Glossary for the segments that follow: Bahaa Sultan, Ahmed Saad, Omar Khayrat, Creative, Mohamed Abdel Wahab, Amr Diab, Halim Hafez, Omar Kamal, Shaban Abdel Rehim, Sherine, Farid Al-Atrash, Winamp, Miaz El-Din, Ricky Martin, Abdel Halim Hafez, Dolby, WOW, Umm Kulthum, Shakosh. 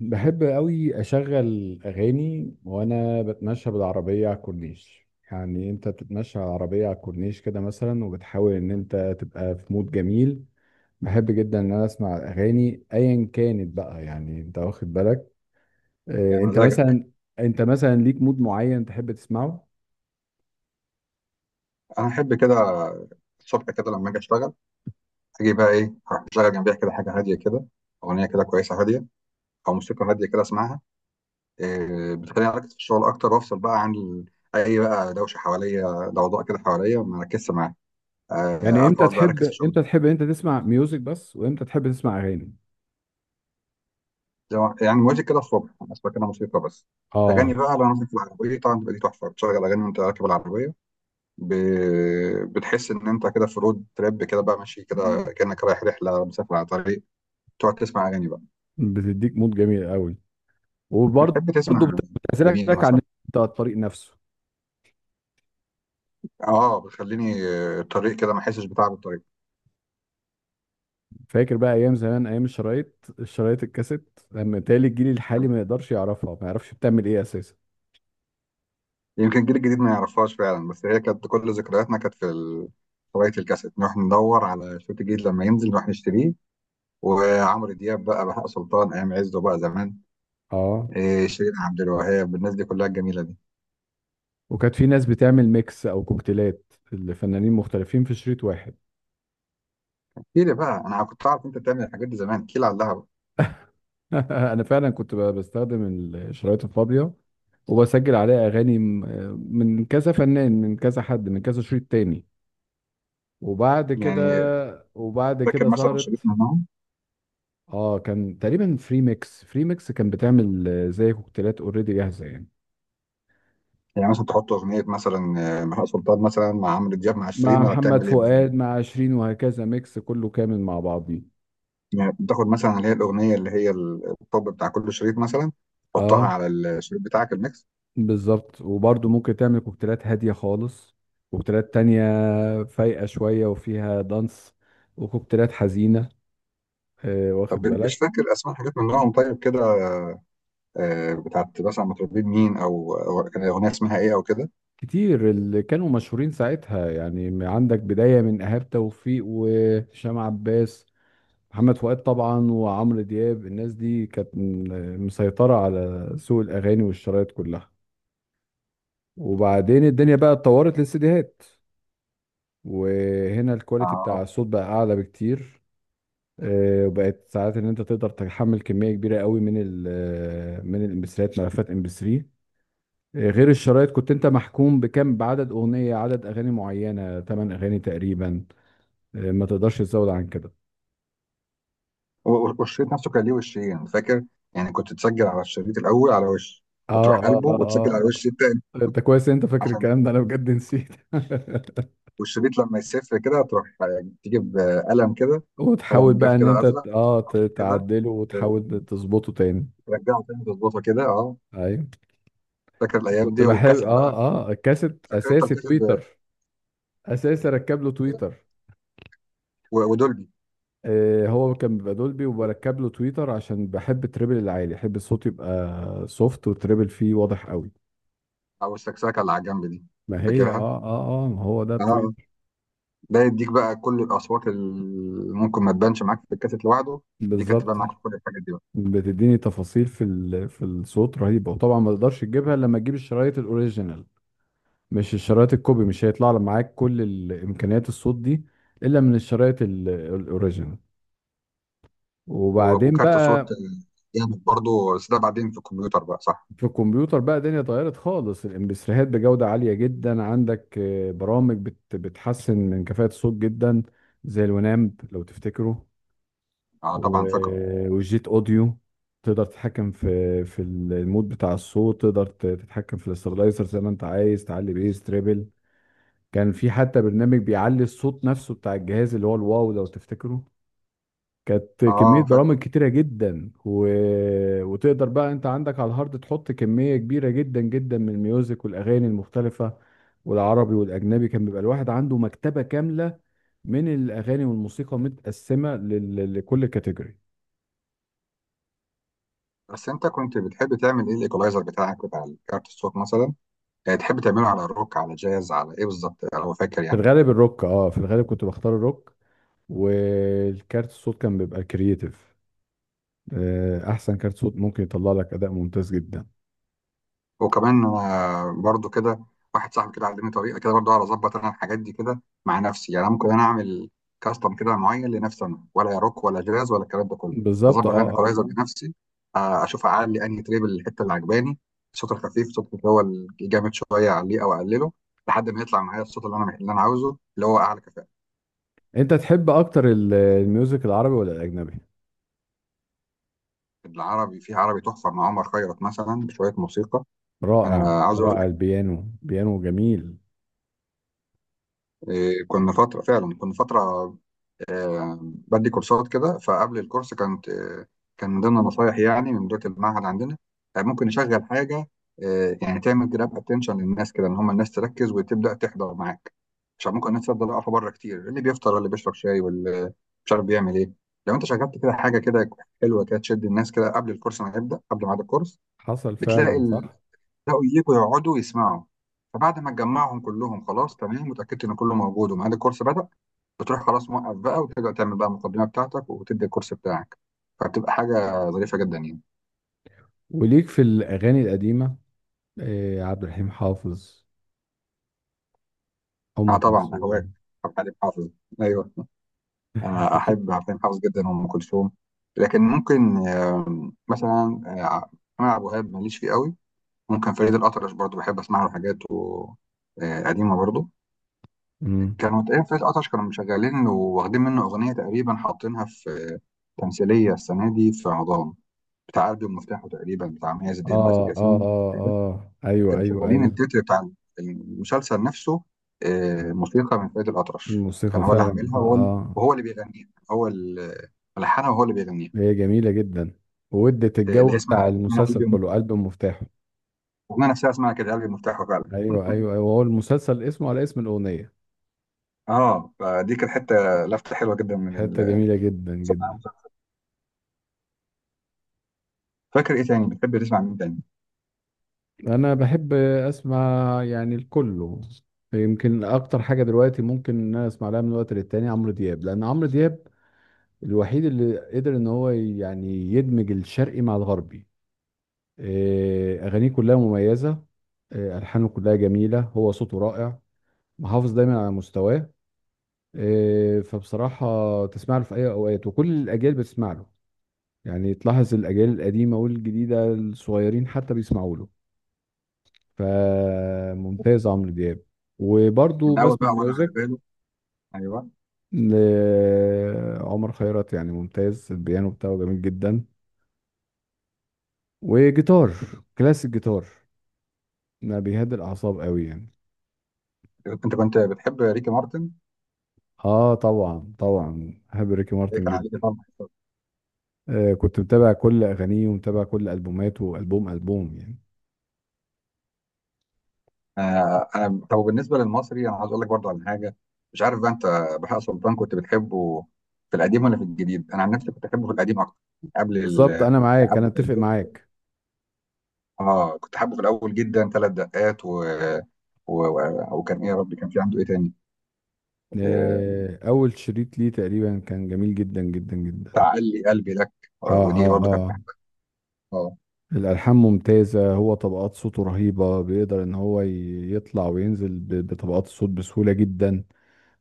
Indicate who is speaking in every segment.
Speaker 1: بحب قوي اشغل اغاني وانا بتمشى بالعربيه على الكورنيش. يعني انت بتتمشى على العربيه على الكورنيش كده مثلا وبتحاول ان انت تبقى في مود جميل. بحب جدا ان انا اسمع اغاني ايا كانت بقى، يعني انت واخد بالك.
Speaker 2: يا
Speaker 1: انت
Speaker 2: مزاجك.
Speaker 1: مثلا، انت مثلا ليك مود معين تحب تسمعه؟
Speaker 2: انا احب كده. الصبح كده لما اجي اشتغل اجي بقى ايه اروح اشغل جنبيها كده حاجه هاديه كده، اغنيه كده كويسه هاديه، او موسيقى هاديه كده اسمعها. إيه، بتخليني اركز في الشغل اكتر وافصل بقى عن اي بقى دوشه حواليا، ضوضاء كده حواليا ما اركزش معاها.
Speaker 1: يعني
Speaker 2: آه،
Speaker 1: امتى
Speaker 2: خلاص بقى
Speaker 1: تحب،
Speaker 2: اركز في الشغل.
Speaker 1: امتى تحب انت تسمع ميوزك بس وامتى تحب تسمع اغاني؟
Speaker 2: زي ما- يعني مودي كده الصبح انا اسمع كده موسيقى بس. اغاني
Speaker 1: اه،
Speaker 2: بقى لو انا مثلا في العربيه طبعا تبقى دي تحفه، بتشغل اغاني وانت راكب العربيه. ب... بتحس ان انت كده في رود تريب كده بقى ماشي كده، كانك رايح رحله مسافر على طريق، تقعد تسمع اغاني بقى.
Speaker 1: بتديك مود جميل قوي. وبرضه
Speaker 2: بتحب تسمع لمين
Speaker 1: بتعزلك عن
Speaker 2: مثلا؟
Speaker 1: الطريق نفسه.
Speaker 2: اه بتخليني الطريق كده ما احسش بتعب الطريق.
Speaker 1: فاكر بقى ايام زمان، ايام الشرايط، الكاسيت، لما تالي الجيل الحالي ما يقدرش يعرفها، ما يعرفش بتعمل ايه اساسا.
Speaker 2: يمكن الجيل الجديد ما يعرفهاش فعلا، بس هي كانت كل ذكرياتنا كانت في هوايه الكاسيت، نروح ندور على صوت جديد لما ينزل نروح نشتريه. وعمرو دياب بقى، بهاء سلطان ايام عزه بقى زمان.
Speaker 1: اه،
Speaker 2: إيه، شيرين عبد الوهاب، الناس دي كلها الجميله دي.
Speaker 1: وكانت في ناس بتعمل ميكس او كوكتيلات لفنانين مختلفين في شريط واحد.
Speaker 2: احكي لي بقى، انا كنت اعرف انت بتعمل الحاجات دي زمان. احكي لي عليها بقى.
Speaker 1: انا فعلا كنت بستخدم الشرايط الفاضية وبسجل عليها اغاني من كذا فنان، من كذا حد، من كذا شريط تاني. وبعد كده
Speaker 2: يعني
Speaker 1: وبعد
Speaker 2: فاكر
Speaker 1: كده
Speaker 2: مثلا شريط
Speaker 1: ظهرت.
Speaker 2: منهم؟
Speaker 1: اه، كان تقريبا فري ميكس، فري ميكس كان بتعمل زي كوكتيلات اوريدي جاهزة يعني.
Speaker 2: يعني مثلا تحط اغنيه مثلا، بهاء سلطان مثلا مع عمرو دياب مع
Speaker 1: مع
Speaker 2: شيرين، ولا
Speaker 1: محمد
Speaker 2: بتعمل ايه مثلا؟
Speaker 1: فؤاد، مع عشرين، وهكذا، ميكس كله كامل مع بعضيه.
Speaker 2: يعني بتاخد مثلا اللي هي الاغنيه اللي هي الطب بتاع كل شريط مثلا،
Speaker 1: اه
Speaker 2: تحطها على الشريط بتاعك الميكس.
Speaker 1: بالظبط. وبرضه ممكن تعمل كوكتيلات هادية خالص، كوكتيلات تانية فايقة شوية وفيها دانس، وكوكتيلات حزينة. آه، واخد
Speaker 2: طب مش
Speaker 1: بالك.
Speaker 2: فاكر اسماء حاجات من نوعهم طيب كده؟ بتاعت مثلا مطربين مين، او كان الاغنيه اسمها ايه او كده.
Speaker 1: كتير اللي كانوا مشهورين ساعتها يعني، عندك بداية من إيهاب توفيق وهشام عباس، محمد فؤاد طبعا، وعمرو دياب. الناس دي كانت مسيطرة على سوق الأغاني والشرايط كلها. وبعدين الدنيا بقى اتطورت للسيديهات، وهنا الكواليتي بتاع
Speaker 2: اه
Speaker 1: الصوت بقى اعلى بكتير. وبقت ساعات ان انت تقدر تحمل كميه كبيره قوي من ال آه، من الامبسريات، ملفات ام بي 3. غير الشرايط، كنت انت محكوم بعدد عدد اغاني معينه، 8 اغاني تقريبا. ما تقدرش تزود عن كده.
Speaker 2: والشريط نفسه كان ليه وشين فاكر؟ يعني كنت تسجل على الشريط الاول على وش، وتروح
Speaker 1: اه اه
Speaker 2: قلبه
Speaker 1: اه
Speaker 2: وتسجل على
Speaker 1: اه
Speaker 2: الوش التاني.
Speaker 1: آه، انت كويس إن انت فاكر
Speaker 2: عشان
Speaker 1: الكلام ده، انا بجد نسيت.
Speaker 2: والشريط لما يسف كده تروح تجيب قلم كده،
Speaker 1: وتحاول
Speaker 2: قلم
Speaker 1: بقى
Speaker 2: جاف
Speaker 1: ان
Speaker 2: كده
Speaker 1: انت
Speaker 2: ازرق كده.
Speaker 1: تعدله
Speaker 2: آه،
Speaker 1: وتحاول تظبطه تاني.
Speaker 2: ترجعه تاني تظبطه كده اه.
Speaker 1: ايوه،
Speaker 2: فاكر الايام
Speaker 1: كنت
Speaker 2: دي
Speaker 1: بحب
Speaker 2: والكاسيت
Speaker 1: اه،
Speaker 2: بقى؟
Speaker 1: اه، الكاسيت
Speaker 2: فاكر انت
Speaker 1: اساسي
Speaker 2: الكاسيت
Speaker 1: تويتر، اساسا ركب له تويتر.
Speaker 2: ودولبي،
Speaker 1: هو كان بيبقى دولبي وبركب له تويتر عشان بحب التريبل العالي، احب الصوت يبقى سوفت والتريبل فيه واضح قوي.
Speaker 2: او السكسكه اللي على الجنب دي؟
Speaker 1: ما هي
Speaker 2: فاكرها.
Speaker 1: اه، اه ما هو ده
Speaker 2: اه آه.
Speaker 1: بتويتر.
Speaker 2: ده يديك بقى كل الاصوات اللي ممكن ما تبانش معاك في الكاسيت لوحده، دي كانت
Speaker 1: بالظبط.
Speaker 2: تبان معاك في كل الحاجات دي بقى.
Speaker 1: بتديني تفاصيل في الصوت رهيبه، وطبعا ما تقدرش تجيبها إلا لما تجيب الشرايط الاوريجينال. مش الشرايط الكوبي، مش هيطلع لك معاك كل الامكانيات الصوت دي الا من الشرايط الاوريجينال. وبعدين
Speaker 2: وكارت صوت
Speaker 1: بقى
Speaker 2: جامد برضه، بس ده بعدين في الكمبيوتر بقى، صح؟
Speaker 1: في الكمبيوتر بقى الدنيا اتغيرت خالص. الامبسريهات بجودة عالية جدا، عندك برامج بتحسن من كفاءة الصوت جدا، زي الونامب لو تفتكره،
Speaker 2: اه طبعا فاكره.
Speaker 1: والجيت اوديو. تقدر تتحكم في المود بتاع الصوت، تقدر تتحكم في الاسترلايزر زي ما انت عايز، تعلي بيس، تريبل. كان في حتى برنامج بيعلي الصوت نفسه بتاع الجهاز، اللي هو الواو لو تفتكره. كانت كمية
Speaker 2: اه
Speaker 1: برامج
Speaker 2: فاكره.
Speaker 1: كتيرة جدا وتقدر بقى انت عندك على الهارد تحط كمية كبيرة جدا جدا من الميوزك والأغاني المختلفة. والعربي والأجنبي، كان بيبقى الواحد عنده مكتبة كاملة من الأغاني والموسيقى، متقسمة لكل كاتيجوري.
Speaker 2: بس انت كنت بتحب تعمل ايه الايكولايزر بتاعك بتاع كارت الصوت مثلا؟ يعني تحب تعمله على روك، على جاز، على ايه بالظبط لو فاكر
Speaker 1: في
Speaker 2: يعني؟
Speaker 1: الغالب الروك، اه في الغالب كنت بختار الروك. والكارت الصوت كان بيبقى كرييتيف، أحسن كارت صوت ممكن يطلع لك أداء ممتاز جدا.
Speaker 2: وكمان انا برضو كده، واحد صاحبي كده علمني طريقه كده برضو اعرف اظبط انا الحاجات دي كده مع نفسي. يعني أنا ممكن انا اعمل كاستم كده معين لنفسي انا، ولا روك ولا جاز ولا الكلام ده كله.
Speaker 1: بالظبط اه
Speaker 2: اظبط انا
Speaker 1: اه.
Speaker 2: الايكولايزر
Speaker 1: آه،
Speaker 2: بنفسي، اشوف اعلي انهي تريب، الحته اللي عجباني، الصوت الخفيف، الصوت اللي هو الجامد شويه، اعليه او اقلله لحد ما يطلع معايا الصوت اللي انا عاوزه، اللي هو اعلى كفاءه.
Speaker 1: انت تحب اكتر الميوزك العربي ولا الأجنبي؟
Speaker 2: العربي، في عربي تحفه مع عمر خيرت مثلا بشويه موسيقى.
Speaker 1: رائع
Speaker 2: انا عاوز اقول
Speaker 1: رائع،
Speaker 2: لك،
Speaker 1: البيانو، بيانو جميل.
Speaker 2: إيه، كنا فتره فعلا كنا فتره بدي كورسات كده. فقبل الكورس كانت كان من ضمن نصايحي يعني من مديرة المعهد عندنا، ممكن نشغل حاجة، يعني تعمل جراب اتنشن للناس كده، ان هم الناس تركز وتبدأ تحضر معاك، عشان ممكن الناس تفضل واقفة بره كتير، اللي بيفطر، اللي بيشرب شاي، واللي مش عارف بيعمل ايه. لو انت شغلت كده حاجة كده حلوة كده تشد الناس كده قبل الكورس ما يبدأ، قبل ميعاد الكورس،
Speaker 1: حصل فعلا
Speaker 2: بتلاقي
Speaker 1: صح.
Speaker 2: تلاقوا يجوا يقعدوا يسمعوا. فبعد ما تجمعهم كلهم خلاص تمام، متأكدت ان كله موجود وميعاد الكورس بدأ، بتروح خلاص موقف بقى وترجع تعمل بقى المقدمه بتاعتك وتدي الكورس بتاعك. فبتبقى حاجه ظريفه جدا يعني.
Speaker 1: وليك في الأغاني القديمة إيه؟ عبد الحليم حافظ؟
Speaker 2: انا
Speaker 1: أم
Speaker 2: طبعا اهواك.
Speaker 1: كلثوم؟
Speaker 2: حليم حافظ. ايوه، انا احب حليم حافظ جدا وام كلثوم. لكن ممكن مثلا محمد عبد الوهاب ماليش فيه قوي. ممكن فريد الأطرش برضو بحب اسمع له حاجات قديمه برضو.
Speaker 1: مم.
Speaker 2: كانوا تقريبا فريد الأطرش كانوا مشغلين، واخدين منه اغنيه تقريبا حاطينها في تمثيليه السنه دي في رمضان بتاع قلبي ومفتاحه، تقريبا بتاع مياز الدين واسر
Speaker 1: آه آه
Speaker 2: ياسين.
Speaker 1: آه آه أيوه
Speaker 2: كانوا
Speaker 1: أيوه
Speaker 2: شغالين
Speaker 1: أيوه
Speaker 2: التتر بتاع المسلسل نفسه، موسيقى من فريد الأطرش، كان
Speaker 1: الموسيقى
Speaker 2: هو اللي
Speaker 1: فعلا،
Speaker 2: عاملها
Speaker 1: آه
Speaker 2: وهو
Speaker 1: آه.
Speaker 2: وهو اللي بيغنيها، هو اللي ملحنها وهو اللي بيغنيها.
Speaker 1: هي جميلة جدا وادت الجو
Speaker 2: اللي هي
Speaker 1: بتاع
Speaker 2: اسمها
Speaker 1: المسلسل
Speaker 2: قلبي.
Speaker 1: كله، قلب مفتاحه.
Speaker 2: الأغنية نفسها اسمها كده قلبي مفتاحه فعلا
Speaker 1: أيوه، هو المسلسل اسمه على اسم الأغنية.
Speaker 2: اه فدي كانت حتة، لفتة حلوة جدا من
Speaker 1: حتة جميلة جدا جدا.
Speaker 2: فاكر ايه تاني بتحب تسمع؟ مين تاني؟
Speaker 1: انا بحب اسمع يعني الكله. يمكن اكتر حاجه دلوقتي ممكن ان انا اسمع لها من وقت للتاني عمرو دياب، لان عمرو دياب الوحيد اللي قدر ان هو يعني يدمج الشرقي مع الغربي. إيه، اغانيه كلها مميزه، إيه، الحانه كلها جميله، هو صوته رائع، محافظ دايما على مستواه. إيه، فبصراحه تسمع له في اي اوقات، وكل الاجيال بتسمع له. يعني تلاحظ الاجيال القديمه والجديده، الصغيرين حتى بيسمعوا له. فممتاز عمرو دياب. وبرضو
Speaker 2: من اول
Speaker 1: بسمع
Speaker 2: بقى ولا على
Speaker 1: ميوزك
Speaker 2: باله؟ ايوه.
Speaker 1: لعمر خيرت، يعني ممتاز. البيانو بتاعه جميل جدا، وجيتار، كلاسيك جيتار، ما بيهدي الأعصاب قوي يعني.
Speaker 2: انت كنت بتحب ريكي مارتن؟
Speaker 1: اه طبعا، طبعا بحب ريكي
Speaker 2: هي
Speaker 1: مارتن
Speaker 2: كان عليك
Speaker 1: جدا.
Speaker 2: طبعا.
Speaker 1: آه، كنت متابع كل أغانيه ومتابع كل ألبوماته، ألبوم ألبوم يعني.
Speaker 2: آه، انا طب بالنسبه للمصري انا عاوز اقول لك برضو على حاجه، مش عارف بقى انت بهاء سلطان كنت بتحبه في القديم ولا في الجديد. انا عن نفسي كنت احبه في القديم اكتر، قبل
Speaker 1: بالظبط،
Speaker 2: ال،
Speaker 1: أنا معاك، أنا
Speaker 2: قبل ما
Speaker 1: أتفق
Speaker 2: يجي-
Speaker 1: معاك.
Speaker 2: اه كنت حابه في الاول جدا ثلاث دقات وكان ايه يا ربي كان في عنده ايه تاني؟ آه،
Speaker 1: آه، أول شريط ليه تقريبا كان جميل جدا جدا جدا.
Speaker 2: تعلي قلبي لك.
Speaker 1: اه
Speaker 2: آه، ودي
Speaker 1: اه
Speaker 2: برضو كانت
Speaker 1: اه
Speaker 2: بحبها، اه.
Speaker 1: الألحان ممتازة، هو طبقات صوته رهيبة، بيقدر إن هو يطلع وينزل بطبقات الصوت بسهولة جدا.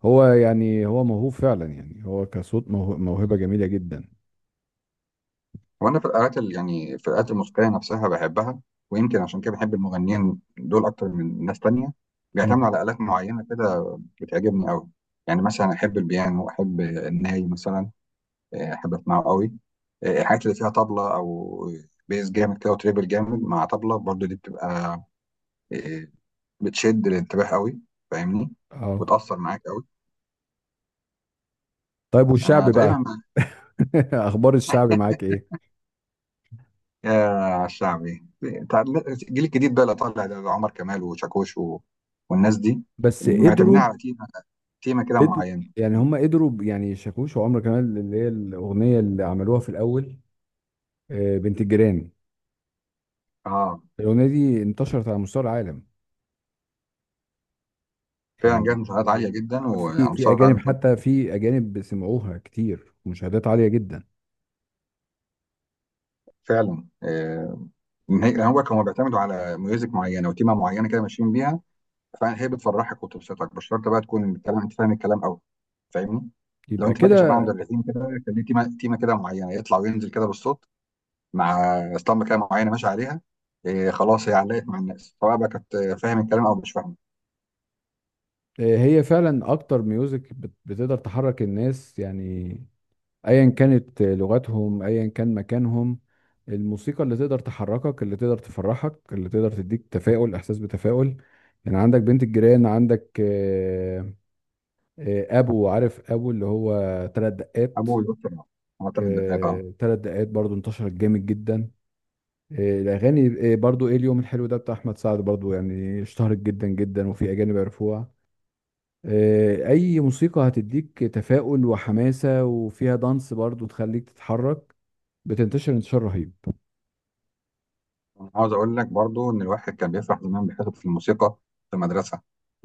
Speaker 1: هو يعني هو موهوب فعلا، يعني هو كصوت موهبة جميلة جدا.
Speaker 2: وانا في الآلات يعني في الآلات الموسيقيه نفسها بحبها. ويمكن عشان كده بحب المغنيين دول اكتر من ناس تانية، بيعتمدوا
Speaker 1: مم.
Speaker 2: على آلات معينه كده، بتعجبني قوي. يعني مثلا احب البيانو، احب الناي مثلا، احب اسمعه قوي. الحاجات اللي فيها طبلة، او بيز جامد كده وتريبل جامد مع طبلة برضو، دي بتبقى آه، بتشد الانتباه قوي، فاهمني؟
Speaker 1: اه
Speaker 2: وتأثر معاك قوي.
Speaker 1: طيب،
Speaker 2: انا
Speaker 1: والشعبي
Speaker 2: تقريبا
Speaker 1: بقى؟
Speaker 2: مع-
Speaker 1: أخبار الشعبي معاك إيه؟
Speaker 2: يا شعبي. تع- الجيل الجديد بقى اللي طالع ده، عمر كمال وشاكوش والناس دي
Speaker 1: بس
Speaker 2: معتمدين
Speaker 1: قدروا،
Speaker 2: على تيمة كده
Speaker 1: قدروا
Speaker 2: معينة.
Speaker 1: يعني. هم قدروا يعني شاكوش وعمرو كمال، اللي هي الأغنية اللي عملوها في الأول، بنت الجيران.
Speaker 2: اه،
Speaker 1: الأغنية دي انتشرت على مستوى العالم،
Speaker 2: فعلا
Speaker 1: يعني
Speaker 2: جايب مشاهدات عالية
Speaker 1: يعني
Speaker 2: جدا وعلى
Speaker 1: في
Speaker 2: مستوى
Speaker 1: اجانب،
Speaker 2: العالم كله.
Speaker 1: حتى في اجانب سمعوها كتير، ومشاهدات عاليه جدا.
Speaker 2: فعلا، هو كانوا بيعتمدوا على ميوزك معينه وتيمه معينه كده ماشيين بيها، فهي بتفرحك وتبسطك. مش شرط بقى تكون الكلام، انت فاهم الكلام قوي، فاهمني؟ لو
Speaker 1: يبقى
Speaker 2: انت فاكر شعبان عبد
Speaker 1: كده.
Speaker 2: الرحيم كده، كان ليه تيمه كده معينه يطلع وينزل كده بالصوت، مع اسطمبه كده معينه ماشي عليها. إيه خلاص، هي علقت مع الناس سواء بقى كانت فاهم الكلام او مش فاهمه.
Speaker 1: هي فعلا اكتر ميوزك بتقدر تحرك الناس يعني، ايا كانت لغتهم، ايا كان مكانهم. الموسيقى اللي تقدر تحركك، اللي تقدر تفرحك، اللي تقدر تديك تفاؤل، احساس بتفاؤل. يعني عندك بنت الجيران، عندك ابو عارف، ابو اللي هو ثلاث دقات.
Speaker 2: ابو الوقت طبعا، هو 3 دقائق، اه.
Speaker 1: ثلاث دقات برضو انتشرت جامد جدا. إيه، الاغاني، إيه، برضو ايه اليوم الحلو ده بتاع احمد سعد، برضو يعني اشتهرت جدا جدا، وفي اجانب عرفوها. إيه، اي موسيقى هتديك تفاؤل وحماسة وفيها دانس برضو تخليك تتحرك، بتنتشر انتشار رهيب.
Speaker 2: انا عاوز اقول لك برضو ان الواحد كان بيفرح زمان بيحتفظ في الموسيقى في المدرسه،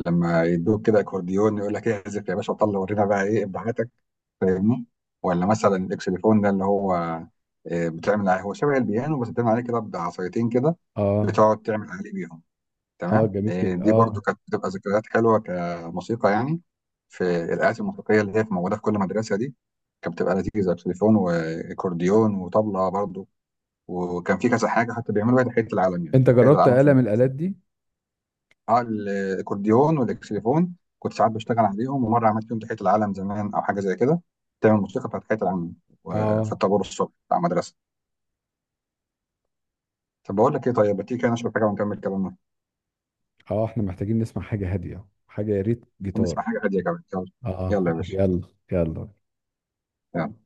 Speaker 2: لما يدوك كده اكورديون يقول لك إيه، اعزف يا باشا، وطلع ورينا بقى ايه ابداعاتك، فاهمني؟ ولا مثلا الاكسليفون ده اللي هو بتعمل عليه، هو شبه البيانو بس بتعمل عليه كده بعصايتين كده،
Speaker 1: اه
Speaker 2: بتقعد تعمل عليه بيهم.
Speaker 1: اه
Speaker 2: تمام،
Speaker 1: جميل
Speaker 2: دي برضو
Speaker 1: اه.
Speaker 2: كانت بتبقى ذكريات حلوه كموسيقى يعني. في الآلات الموسيقية اللي هي موجودة في كل مدرسة دي، كانت بتبقى لذيذة، تليفون وأكورديون وطبلة برضو. وكان في كذا حاجة حتى بيعملوا بيها تحية العالم، يعني
Speaker 1: انت
Speaker 2: تحية
Speaker 1: جربت
Speaker 2: العالم
Speaker 1: آلة
Speaker 2: في.
Speaker 1: من الآلات دي؟
Speaker 2: اه، الاكورديون والاكسليفون كنت ساعات بشتغل عليهم، ومره عملت يوم تحيه العالم زمان او حاجه زي كده، تعمل موسيقى بتاعت تحيه العالم في
Speaker 1: اه
Speaker 2: الطابور الصبح بتاع المدرسه. طب بقول لك ايه، طيب ما تيجي كده نشرب حاجه ونكمل كلامنا
Speaker 1: اه، احنا محتاجين نسمع حاجة هادية، حاجة يا ريت جيتار.
Speaker 2: ونسمع حاجه هاديه كمان. يلا.
Speaker 1: اه
Speaker 2: يلا يا باشا.
Speaker 1: يلا يلا.
Speaker 2: يلا.